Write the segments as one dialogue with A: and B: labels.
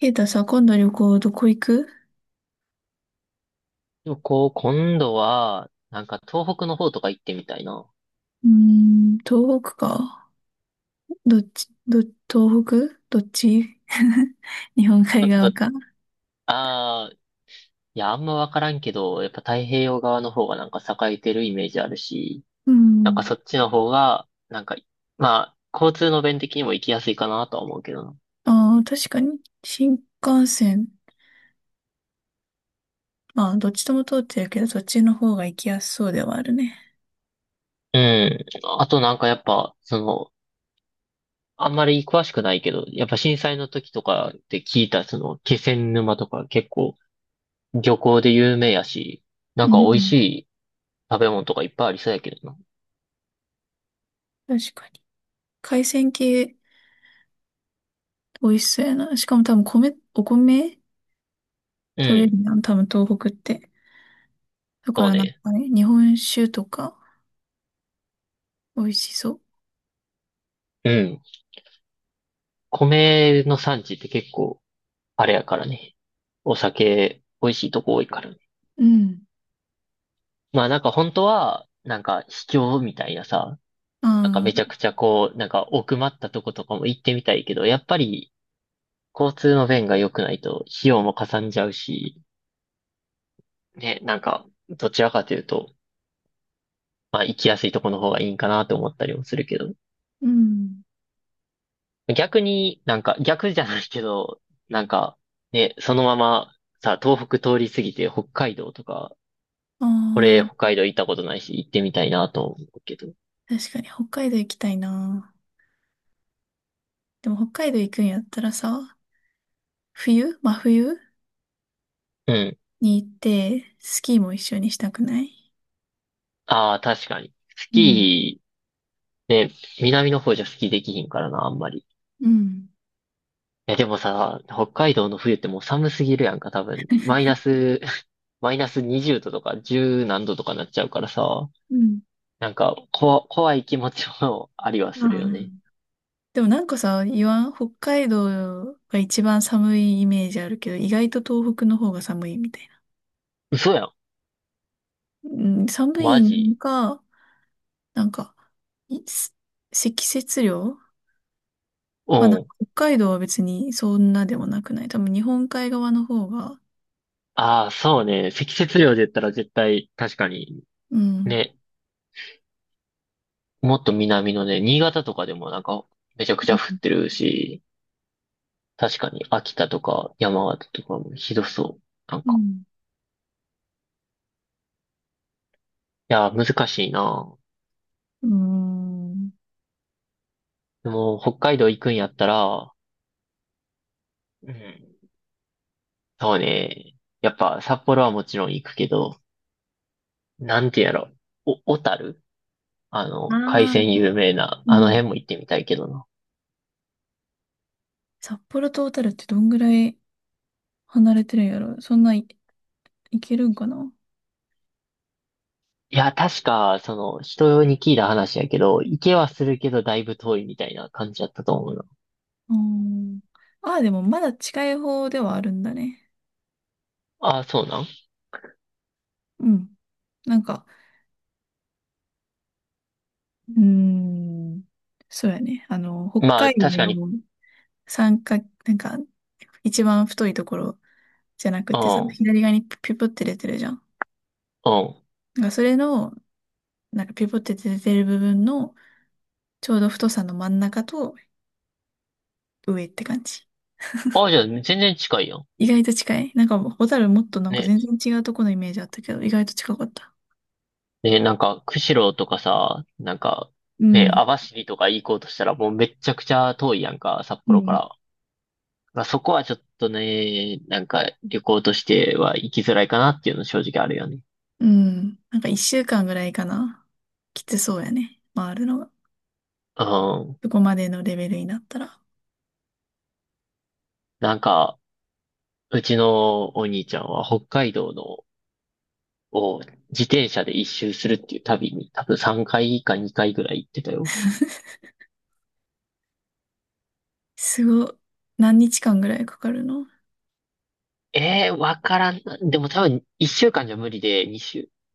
A: ケイタさ、今度旅行どこ行く？
B: でもこう、今度は、なんか東北の方とか行ってみたいな。
A: うーん、東北か。どっち、東北どっち？ 日本海
B: だ、
A: 側
B: だ、
A: か。
B: ああ、いや、あんまわからんけど、やっぱ太平洋側の方がなんか栄えてるイメージあるし、
A: う
B: なんか
A: ん。
B: そっちの方が、なんか、まあ、交通の便的にも行きやすいかなとは思うけどな。
A: ああ、確かに、新幹線。まあ、どっちとも通ってるけど、そっちの方が行きやすそうではあるね。
B: うん。あとなんかやっぱ、その、あんまり詳しくないけど、やっぱ震災の時とかって聞いた、その、気仙沼とか結構漁港で有名やし、なん
A: う
B: か美味し
A: ん。
B: い食べ物とかいっぱいありそうやけどな。
A: 確かに。海鮮系、美味しそうやな。しかも多分米、お米
B: う
A: 取れ
B: ん。
A: るやん。多分東北って。だか
B: そう
A: らなん
B: ね。
A: かね、日本酒とか、美味しそう。
B: うん。米の産地って結構、あれやからね。お酒、美味しいとこ多いからね。
A: うん。
B: まあなんか本当は、なんか秘境みたいなさ、なんか
A: あ
B: めちゃ
A: あ、
B: くちゃこう、なんか奥まったとことかも行ってみたいけど、やっぱり交通の便が良くないと費用もかさんじゃうし、ね、なんかどちらかというと、まあ行きやすいとこの方がいいんかなと思ったりもするけど、
A: うん。
B: 逆になんか逆じゃないけど、なんかね、そのままさ、東北通り過ぎて北海道とか、
A: あ
B: 俺、北
A: あ、
B: 海道行ったことないし、行ってみたいなと思うけど。
A: 確かに北海道行きたいな。でも北海道行くんやったらさ、冬真冬
B: うん。
A: に行って、スキーも一緒にしたくない？
B: ああ、確かに。ス
A: うん、
B: キー、ね、南の方じゃスキーできひんからな、あんまり。い
A: うん、
B: や、でもさ、北海道の冬ってもう寒すぎるやんか、多分。マイナス、マイナス20度とか10何度とかなっちゃうからさ、
A: うん。
B: なんか、怖い気持ちもありは
A: あ
B: する
A: あ、
B: よね。
A: でもなんかさ、言わん北海道が一番寒いイメージあるけど、意外と東北の方が寒いみたいな。
B: 嘘やん。
A: うん、寒
B: マ
A: い
B: ジ？
A: のか、なんか、いす積雪量
B: う
A: はなんか
B: ん。
A: 北海道は別にそんなでもなくない？多分日本海側の方が、
B: ああ、そうね。積雪量で言ったら絶対、確かに、
A: うん。
B: ね、もっと南のね、新潟とかでもなんかめちゃくちゃ降ってるし、確かに秋田とか山形とかもひどそう。なん
A: う
B: か。
A: ん。
B: いや、難しいな。
A: うーん。
B: でも、北海道行くんやったら、うん。そうね。やっぱ札幌はもちろん行くけど、なんてやろ。小樽、あ
A: あ
B: の、海
A: あ、
B: 鮮有名な、
A: う
B: あの
A: ん。
B: 辺も行ってみたいけどな。
A: 札幌と小樽ってどんぐらい離れてるんやろ？そんないいけるんかな？
B: いや、確か、その、人に聞いた話やけど、行けはするけど、だいぶ遠いみたいな感じだったと思うな。
A: あー、ああ、でもまだ近い方ではあるんだね。
B: ああ、そうなん？
A: うん。なんか、うーん。そうやね。あの、北
B: まあ、
A: 海
B: 確
A: 道
B: かに、
A: の三角、なんか、一番太いところじゃなく
B: う
A: てさ、
B: ん。
A: 左側にピポって出てるじゃん。
B: うん。
A: なんかそれの、なんかピポって出てる部分のちょうど太さの真ん中と上って感じ。
B: あ、じゃあ、全然近いやん。
A: 意外と近い。なんか、ホタルもっとなんか
B: ね。
A: 全然違うとこのイメージあったけど、意外と近かった。
B: ね、なんか、釧路とかさ、なんか、
A: う
B: ね、
A: ん。
B: 網走とか行こうとしたらもうめっちゃくちゃ遠いやんか、札
A: う
B: 幌か
A: ん。
B: ら。まあ、そこはちょっとね、なんか、旅行としては行きづらいかなっていうの正直あるよね。
A: うん。なんか一週間ぐらいかな。きつそうやね。回るのが。
B: うん。
A: そこまでのレベルになったら。
B: なんか、うちのお兄ちゃんは北海道の、を自転車で一周するっていう旅に多分3回か2回ぐらい行ってたよ。
A: すごい。何日間ぐらいかかるの？
B: ええー、わからんな。でも多分1週間じゃ無理で、2そ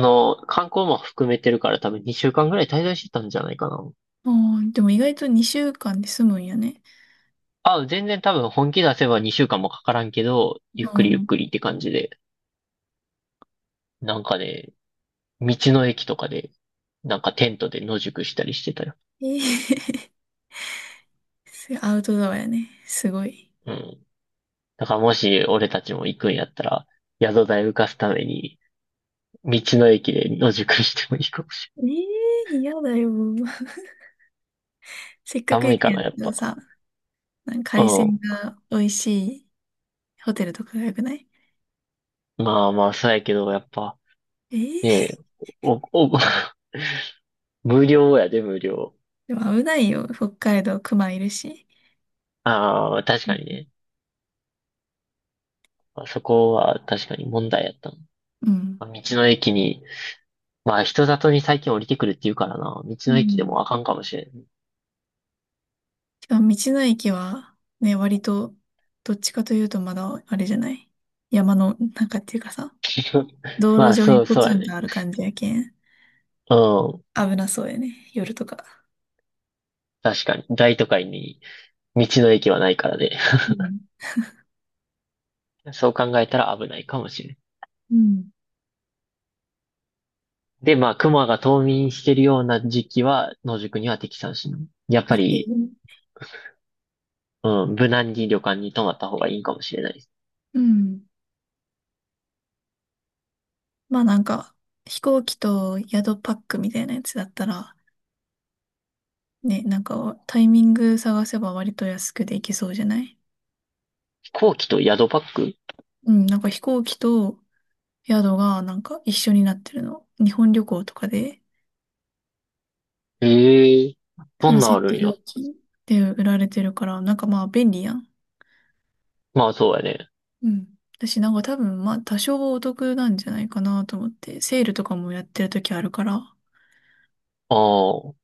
B: の、観光も含めてるから多分2週間ぐらい滞在してたんじゃないかな。
A: あー、でも意外と2週間で済むんやね。
B: あ、全然多分本気出せば2週間もかからんけど、ゆっ
A: う
B: くりゆっ
A: ん。
B: くりって感じで、なんかね、道の駅とかで、なんかテントで野宿したりしてたよ。
A: ええー。 アウトドアやね。すごい。
B: うん。だからもし俺たちも行くんやったら、宿代浮かすために、道の駅で野宿してもいいかもしれ
A: ええー、嫌だよ。せっか
B: ない。
A: く
B: 寒
A: 行
B: い
A: くん
B: か
A: やっ
B: な、やっ
A: たらさ、
B: ぱ。
A: なんか海鮮
B: う
A: が美味しいホテルとかが良くない？
B: ん。まあまあ、そうやけど、やっぱ、
A: え
B: ねえ、
A: え。
B: お、お、無料やで、無料。
A: でも危ないよ。北海道、熊いるし。
B: ああ、確
A: う
B: かに
A: ん。
B: ね。まあ、そこは確かに問題やったの、
A: うん。
B: まあ、道の駅に、まあ人里に最近降りてくるって言うからな。道
A: う
B: の駅でも
A: ん。
B: あかんかもしれん。
A: しかも道の駅は、ね、割と、どっちかというとまだ、あれじゃない？山の中っていうかさ、道
B: ま
A: 路
B: あ
A: 上に
B: そう、
A: ポ
B: そう
A: ツ
B: や
A: ンと
B: ね。
A: ある感じやけん。
B: うん。
A: 危なそうやね。夜とか。
B: 確かに。大都会に道の駅はないからで。
A: うん
B: そう考えたら危ないかもしれん。
A: うん、
B: で、まあ、熊が冬眠してるような時期は、野宿には適さんしない。やっ
A: あ
B: ぱ
A: って、
B: り、うん、無難に旅館に泊まった方がいいかもしれないです。
A: うん。まあなんか、飛行機と宿パックみたいなやつだったら、ね、なんかタイミング探せば割と安くで行けそうじゃない？
B: 飛行機と宿パック、
A: うん、なんか飛行機と宿がなんか一緒になってるの。日本旅行とかで、
B: ええー、
A: そ
B: そ
A: の
B: んな
A: セ
B: んあ
A: ッ
B: る
A: ト
B: んや。
A: 料金で売られてるから、なんかまあ便利やん。
B: まあ、そうやね。
A: うん。私なんか多分まあ多少お得なんじゃないかなと思って、セールとかもやってる時あるから、
B: ああ、ど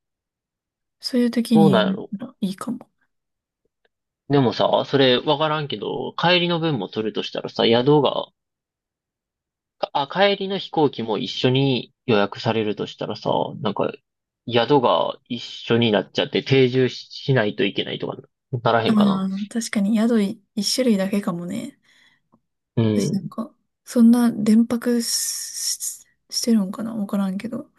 A: そういう時
B: う
A: にや
B: なんやろ？
A: ったらいいかも。
B: でもさ、それわからんけど、帰りの分も取るとしたらさ、宿が、あ、帰りの飛行機も一緒に予約されるとしたらさ、なんか、宿が一緒になっちゃって定住ししないといけないとかならへ
A: あ
B: んかな。
A: あ、確かに一種類だけかもね。
B: う
A: 私なん
B: ん。
A: か、そんな連泊し、してるんかなわからんけど。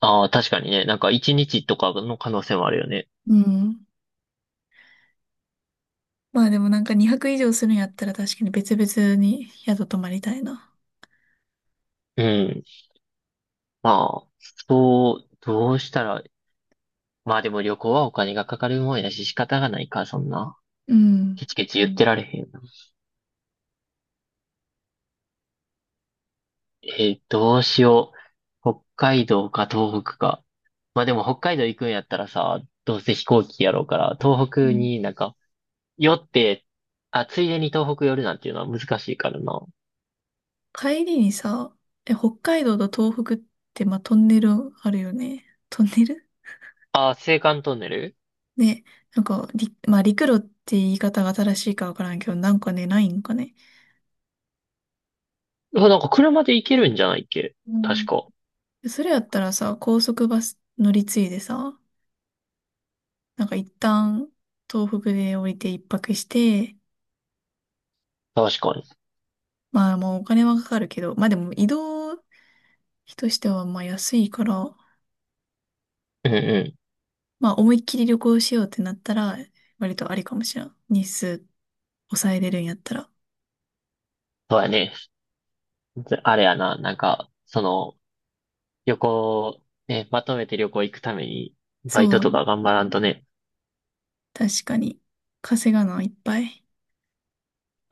B: ああ、確かにね。なんか一日とかの可能性もあるよね。
A: うん。まあでもなんか2泊以上するんやったら確かに別々に宿泊まりたいな。
B: うん。まあ、そう、どうしたら、まあでも旅行はお金がかかるもんやし仕方がないか、そんな。
A: うん。
B: ケチケチ言ってられへんよな。えどうしよう。北海道か東北か。まあでも北海道行くんやったらさ、どうせ飛行機やろうから、東
A: う
B: 北
A: ん、
B: になんか、寄って、あ、ついでに東北寄るなんていうのは難しいからな。
A: 帰りにさ、え、北海道と東北って、まあ、トンネルあるよね。トンネル
B: あ、青函トンネル、
A: ね、なんか、まあ、陸路って言い方が正しいかわからんけど、なんかね、ないんかね。
B: うわなんか車で行けるんじゃないっけ？
A: う
B: 確
A: ん、
B: か。
A: それやったらさ、高速バス乗り継いでさ、なんか一旦東北で降りて一泊して、
B: 確かに。
A: まあもうお金はかかるけど、まあでも移動費としてはまあ安いから、
B: うんうん。
A: まあ思いっきり旅行しようってなったら、割とありかもしれん。日数抑えれるんやったら。
B: そうやね。ずあれやな、なんか、その、旅行、ね、まとめて旅行行くために、
A: そ
B: バイトとか
A: う、
B: 頑張らんとね、
A: 確かに。稼がないっぱい。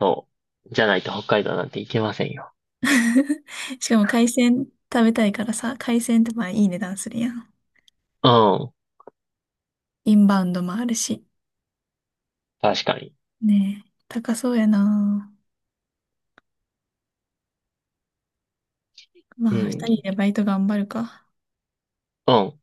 B: そう。じゃないと北海道なんて行けませんよ。
A: しかも海鮮食べたいからさ、海鮮ってまあいい値段するやん。
B: うん。
A: インバウンドもあるし。
B: 確かに。
A: ねえ、高そうやな。
B: う
A: まあ、
B: ん。
A: 二人でバイト頑張るか。
B: うん。